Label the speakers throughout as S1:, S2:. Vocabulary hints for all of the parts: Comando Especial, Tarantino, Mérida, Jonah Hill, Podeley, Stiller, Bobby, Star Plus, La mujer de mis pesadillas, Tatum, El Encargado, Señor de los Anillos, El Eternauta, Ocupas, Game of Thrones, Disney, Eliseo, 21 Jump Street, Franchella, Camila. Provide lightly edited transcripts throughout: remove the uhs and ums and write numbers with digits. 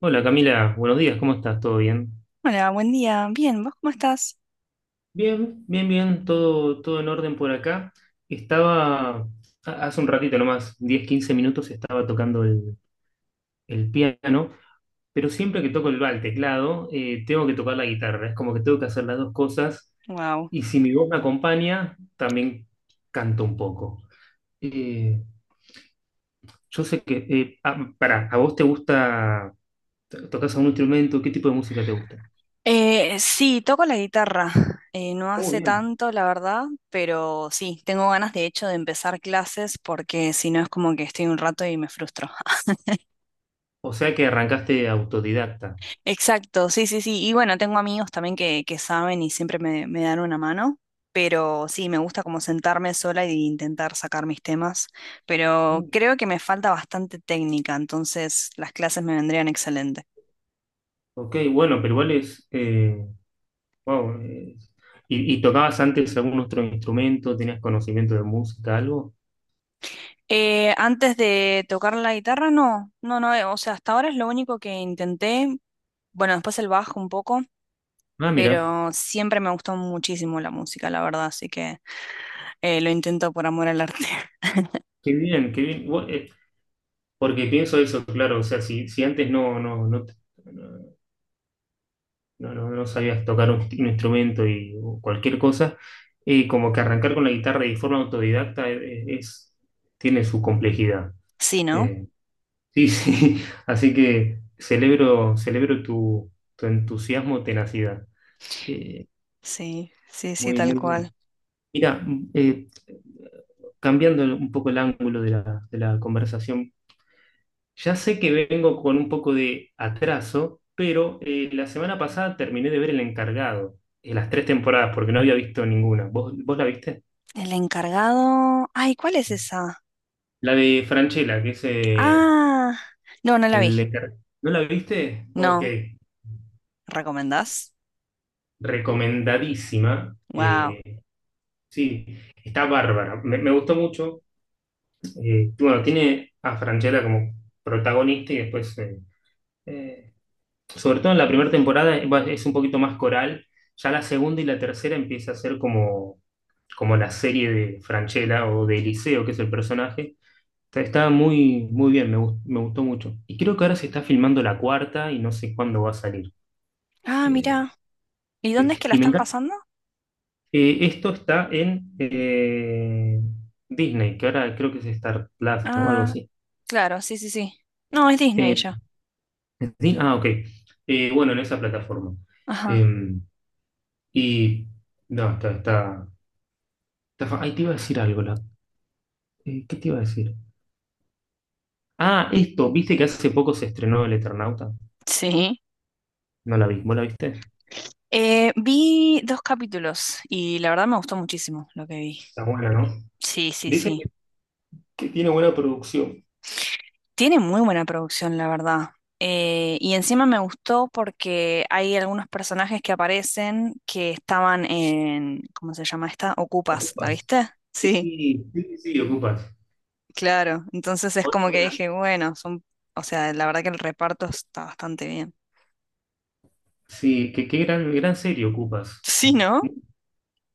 S1: Hola Camila, buenos días, ¿cómo estás? ¿Todo bien?
S2: Hola, buen día. Bien, ¿vos cómo estás?
S1: Bien, bien, bien, todo en orden por acá. Estaba, hace un ratito nomás, 10, 15 minutos, estaba tocando el piano, pero siempre que toco el teclado, tengo que tocar la guitarra. Es como que tengo que hacer las dos cosas
S2: Wow.
S1: y si mi voz me acompaña, también canto un poco. Eh, yo sé que, pará. ¿A vos te gusta, tocas algún instrumento? ¿Qué tipo de música te gusta?
S2: Sí, toco la guitarra. No
S1: Muy
S2: hace
S1: bien.
S2: tanto, la verdad, pero sí, tengo ganas de hecho de empezar clases porque si no es como que estoy un rato y me frustro.
S1: O sea que arrancaste autodidacta.
S2: Exacto, sí, sí, sí. Y bueno, tengo amigos también que saben y siempre me dan una mano, pero sí, me gusta como sentarme sola e intentar sacar mis temas, pero creo que me falta bastante técnica, entonces las clases me vendrían excelente.
S1: Ok, bueno, pero igual es, wow, ¿Y tocabas antes algún otro instrumento? ¿Tenías conocimiento de música, algo?
S2: Antes de tocar la guitarra, no, no, no, o sea, hasta ahora es lo único que intenté, bueno, después el bajo un poco,
S1: Ah, mira,
S2: pero siempre me gustó muchísimo la música, la verdad, así que lo intento por amor al arte.
S1: qué bien, qué bien. Porque pienso eso, claro, o sea, si antes no, no, no, no, no sabías tocar un instrumento y o cualquier cosa, como que arrancar con la guitarra y de forma autodidacta, tiene su complejidad.
S2: Sí, ¿no?
S1: Eh, sí, sí, así que celebro tu entusiasmo, tenacidad. Eh,
S2: Sí, sí, sí,
S1: Muy,
S2: tal
S1: muy
S2: cual.
S1: bien. Mira, eh, cambiando un poco el ángulo de la conversación, ya sé que vengo con un poco de atraso, pero la semana pasada terminé de ver El Encargado, las tres temporadas, porque no había visto ninguna. ¿Vos la viste?
S2: El encargado... Ay, ¿cuál es esa?
S1: La de Franchella, que es,
S2: Ah, no, no la vi.
S1: ¿No la viste? Ok,
S2: No, ¿recomendás?
S1: recomendadísima.
S2: Wow.
S1: Sí, está bárbara. Me gustó mucho. Bueno, tiene a Franchella como protagonista y después, eh, sobre todo en la primera temporada, es un poquito más coral. Ya la segunda y la tercera empieza a ser como la serie de Franchella o de Eliseo, que es el personaje. Está muy, muy bien, me gustó mucho. Y creo que ahora se está filmando la cuarta y no sé cuándo va a salir.
S2: Ah,
S1: Eh,
S2: mira. ¿Y dónde es que la
S1: y me
S2: están
S1: encanta.
S2: pasando?
S1: Esto está en, Disney, que ahora creo que es Star Plus, ¿no? Algo
S2: Ah,
S1: así.
S2: claro, sí, sí, sí. No, es Disney
S1: Eh,
S2: ya.
S1: Ok. Bueno, en esa plataforma.
S2: Ajá.
S1: Em, y no, está. Ay, te iba a decir algo, ¿qué te iba a decir? Ah, esto, ¿viste que hace poco se estrenó El Eternauta?
S2: Sí.
S1: No la vi, ¿vos la viste?
S2: Vi dos capítulos y la verdad me gustó muchísimo lo que vi.
S1: Está buena, ¿no?
S2: Sí, sí,
S1: Dicen
S2: sí.
S1: que tiene buena producción.
S2: Tiene muy buena producción, la verdad. Y encima me gustó porque hay algunos personajes que aparecen que estaban en, ¿cómo se llama esta? Ocupas, ¿la
S1: Ocupas.
S2: viste?
S1: Sí,
S2: Sí,
S1: sí, sí, sí, Ocupas.
S2: claro. Entonces es como que
S1: Otra.
S2: dije, bueno, son, o sea, la verdad que el reparto está bastante bien.
S1: Sí, que qué gran, gran serie Ocupas.
S2: Sí, ¿no?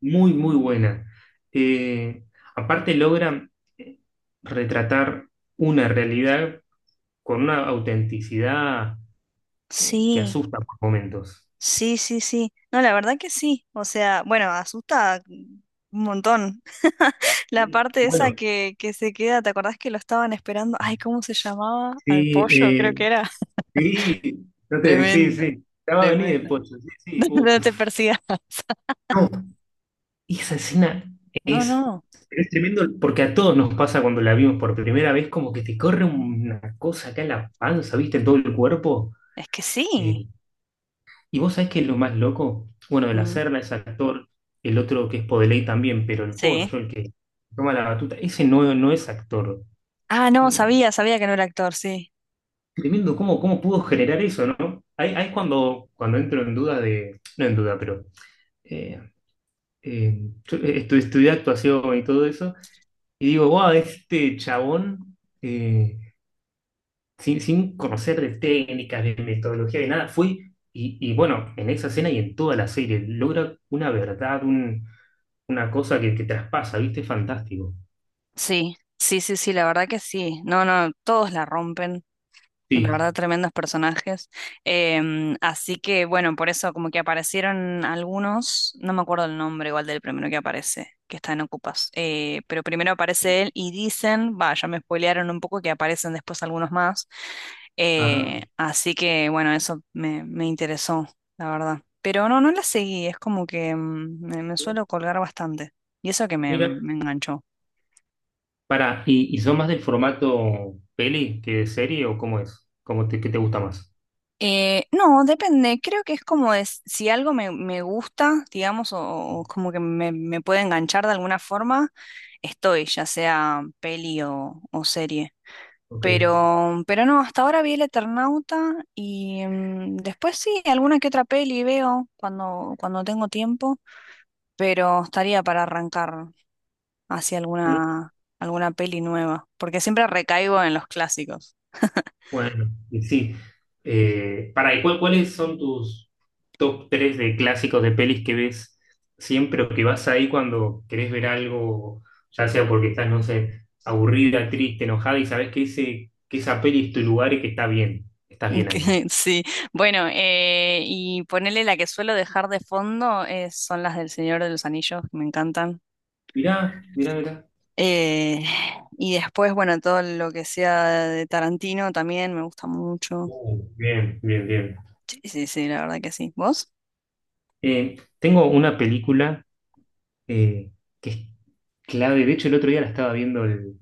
S1: Muy, muy buena. Eh, Aparte logran, eh, retratar una realidad con una autenticidad, que
S2: Sí,
S1: asusta por momentos.
S2: sí, sí, sí. No, la verdad que sí. O sea, bueno, asusta un montón. La parte esa
S1: Bueno,
S2: que se queda, ¿te acordás que lo estaban esperando? Ay, ¿cómo se llamaba? Al pollo, creo que
S1: sí,
S2: era.
S1: sí, no te, sí,
S2: Tremendo,
S1: sí. Ya va a venir el
S2: tremendo.
S1: pollo, sí,
S2: No,
S1: sí.
S2: no te
S1: Uf.
S2: persigas.
S1: No, esa escena
S2: No,
S1: es,
S2: no,
S1: es tremendo, porque a todos nos pasa cuando la vimos por primera vez, como que te corre una cosa acá en la panza, ¿viste? En todo el cuerpo.
S2: es que
S1: Eh,
S2: sí.
S1: y vos sabés que es lo más loco, bueno, el
S2: Mm.
S1: hacerla es actor, el otro que es Podeley también, pero el
S2: Sí.
S1: pollo, el que toma la batuta, ese no, no es actor.
S2: Ah, no,
S1: Eh,
S2: sabía, sabía que no era actor, sí.
S1: Tremendo. Cómo pudo generar eso, no? Ahí es cuando, entro en duda de, no en duda, pero. eh, yo, estudié actuación y todo eso, y digo, wow, este chabón, eh, sin conocer de técnicas, de metodología, de nada, fue, y bueno, en esa escena y en toda la serie, logra una verdad, una cosa que traspasa, ¿viste? Fantástico.
S2: Sí, sí, sí, sí, la verdad que sí. No, no, todos la rompen. La
S1: Sí.
S2: verdad, tremendos personajes. Así que, bueno, por eso como que aparecieron algunos, no me acuerdo el nombre igual del primero que aparece, que está en Ocupas. Pero primero aparece él y dicen, va, ya me spoilearon un poco que aparecen después algunos más.
S1: Ah,
S2: Así que, bueno, eso me interesó, la verdad. Pero no, no la seguí, es como que me suelo colgar bastante. Y eso que
S1: mira,
S2: me enganchó.
S1: para, ¿y son más del formato peli que de serie o cómo es? ¿Cómo te, qué te gusta más?
S2: No, depende. Creo que es como es, si algo me gusta, digamos, o como que me puede enganchar de alguna forma, estoy, ya sea peli o serie.
S1: Ok.
S2: Pero no, hasta ahora vi El Eternauta y después sí, alguna que otra peli veo cuando tengo tiempo, pero estaría para arrancar hacia alguna, alguna peli nueva, porque siempre recaigo en los clásicos.
S1: Bueno, y sí. Para, ¿y cuáles son tus top 3 de clásicos de pelis que ves siempre, o que vas ahí cuando querés ver algo, ya sea porque estás, no sé, aburrida, triste, enojada y sabes que, ese, que esa peli es tu lugar y que está bien, estás bien
S2: Que
S1: ahí?
S2: sí, bueno, y ponerle la que suelo dejar de fondo es- son las del Señor de los Anillos, que me encantan.
S1: Mirá, mirá, mirá.
S2: Eh, y después, bueno, todo lo que sea de Tarantino también me gusta mucho.
S1: Bien, bien, bien.
S2: Sí, sí, sí, la verdad que sí. ¿Vos?
S1: Tengo una película, eh, que es clave. De hecho, el otro día la estaba viendo, el,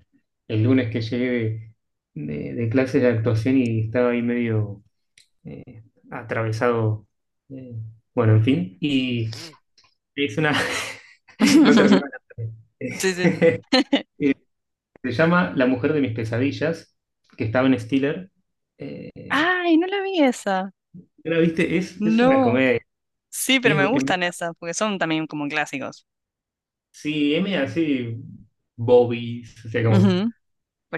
S1: el lunes que llegué de clases de actuación, y estaba ahí medio, eh, atravesado. eh, bueno, en fin. Y es una. No terminó.
S2: Sí, sí.
S1: Eh, Se llama La mujer de mis pesadillas, que estaba en Stiller. Eh,
S2: Ay, no la vi esa.
S1: ¿La viste? Es una
S2: No.
S1: comedia.
S2: Sí, pero
S1: Es,
S2: me
S1: es-
S2: gustan esas, porque son también como clásicos.
S1: sí, es medio así, Bobby, o sea, como.
S2: Ujú.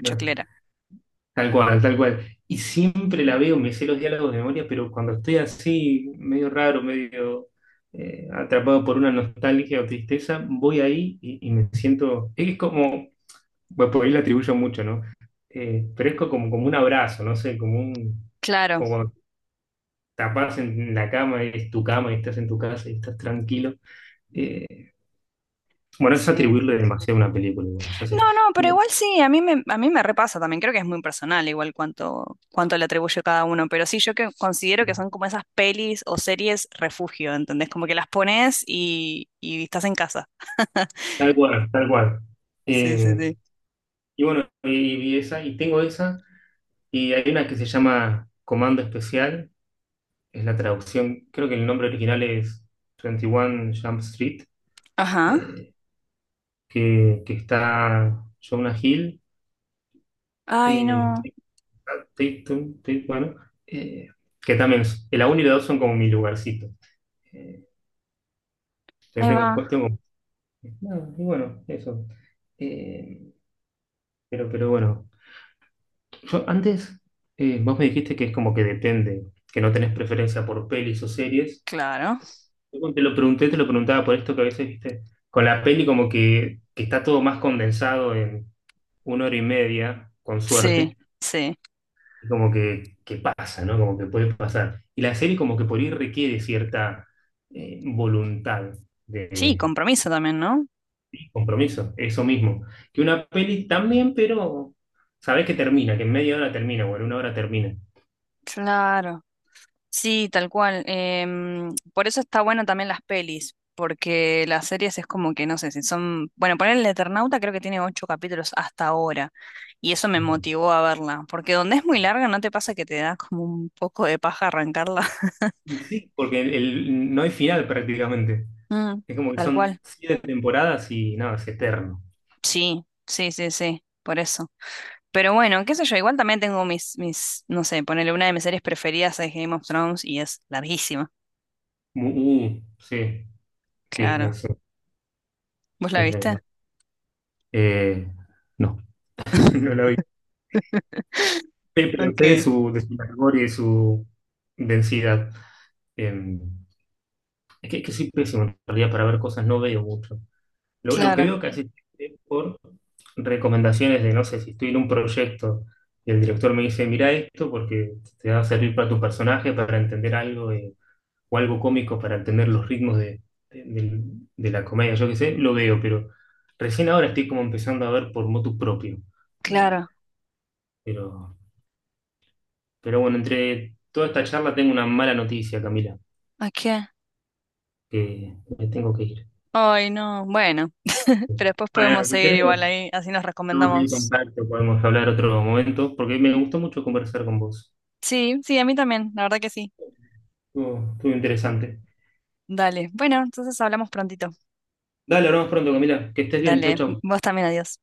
S1: No. Tal cual, tal cual. Y siempre la veo, me sé los diálogos de memoria, pero cuando estoy así, medio raro, medio, atrapado por una nostalgia o tristeza, voy ahí y me siento. Es como, bueno, por ahí le atribuyo mucho, ¿no? Pero es como un abrazo, no sé, como un.
S2: Claro,
S1: Como cuando tapás en la cama, es tu cama y estás en tu casa y estás tranquilo. Eh, bueno, es
S2: sí.
S1: atribuirle demasiado a una película, bueno, ya sé.
S2: No, no, pero igual sí, a mí me repasa también, creo que es muy personal igual cuánto, cuánto le atribuye cada uno, pero sí, yo que considero que son como esas pelis o series refugio, ¿entendés? Como que las pones y estás en casa.
S1: Tal cual, tal cual.
S2: Sí, sí,
S1: Eh,
S2: sí.
S1: y bueno, y esa, y tengo esa. Y hay una que se llama Comando Especial, es la traducción, creo que el nombre original es 21 Jump Street,
S2: Ajá.
S1: eh, que está Jonah Hill,
S2: Ay,
S1: eh,
S2: no,
S1: Tatum, Tatum, bueno, eh, que también la 1 y la 2 son como mi lugarcito. Eh, que
S2: ahí va.
S1: no, y bueno, eso. Eh, pero bueno, yo antes, vos me dijiste que es como que depende, que no tenés preferencia por pelis o series.
S2: Claro.
S1: Yo cuando te lo pregunté, te lo preguntaba por esto, que a veces, viste, con la peli como que está todo más condensado en una hora y media, con
S2: Sí,
S1: suerte,
S2: sí.
S1: y como que pasa, ¿no? Como que puede pasar. Y la serie como que por ahí requiere cierta, voluntad
S2: Sí,
S1: de
S2: compromiso también, ¿no?
S1: compromiso, eso mismo. Que una peli también, pero sabés que termina, que en media hora termina, o en una hora termina.
S2: Claro. Sí, tal cual. Em, por eso está bueno también las pelis, porque las series es como que, no sé, si son... Bueno, poner el Eternauta creo que tiene ocho capítulos hasta ahora, y eso me motivó a verla, porque donde es muy larga, ¿no te pasa que te da como un poco de paja arrancarla?
S1: Y sí, porque no hay final prácticamente.
S2: Mm,
S1: Es como que
S2: tal
S1: son
S2: cual.
S1: siete temporadas y nada, es eterno.
S2: Sí, sí, sí, sí, por eso. Pero bueno, qué sé yo, igual también tengo mis, mis, no sé, ponerle una de mis series preferidas es Game of Thrones y es larguísima,
S1: Sí, sí.
S2: claro. ¿Vos la
S1: Es de
S2: viste?
S1: Eh, no, no la vi. Pero sé de
S2: Ok.
S1: su, de su largor y de su densidad. Eh, es que soy pésimo en realidad para ver cosas, no veo mucho. Lo que
S2: Claro,
S1: veo casi es por recomendaciones de, no sé, si estoy en un proyecto y el director me dice, mira esto porque te va a servir para tu personaje, para entender algo. O algo cómico para entender los ritmos de, de- del- de la comedia, yo qué sé, lo veo, pero recién ahora estoy como empezando a ver por motu propio. Eh,
S2: claro.
S1: pero, pero bueno, entre toda esta charla tengo una mala noticia, Camila,
S2: Ok.
S1: que me tengo que ir.
S2: Ay, no, bueno, pero después
S1: Bueno,
S2: podemos
S1: pues
S2: seguir igual
S1: tenemos,
S2: ahí, así nos
S1: tenemos ahí
S2: recomendamos.
S1: contacto, podemos hablar otro momento, porque me gustó mucho conversar con vos.
S2: Sí, sí, a mí también, la verdad que sí.
S1: Estuvo interesante.
S2: Dale, bueno, entonces hablamos prontito.
S1: Dale, hablamos pronto, Camila. Que estés bien, chao,
S2: Dale,
S1: chao.
S2: vos también, adiós.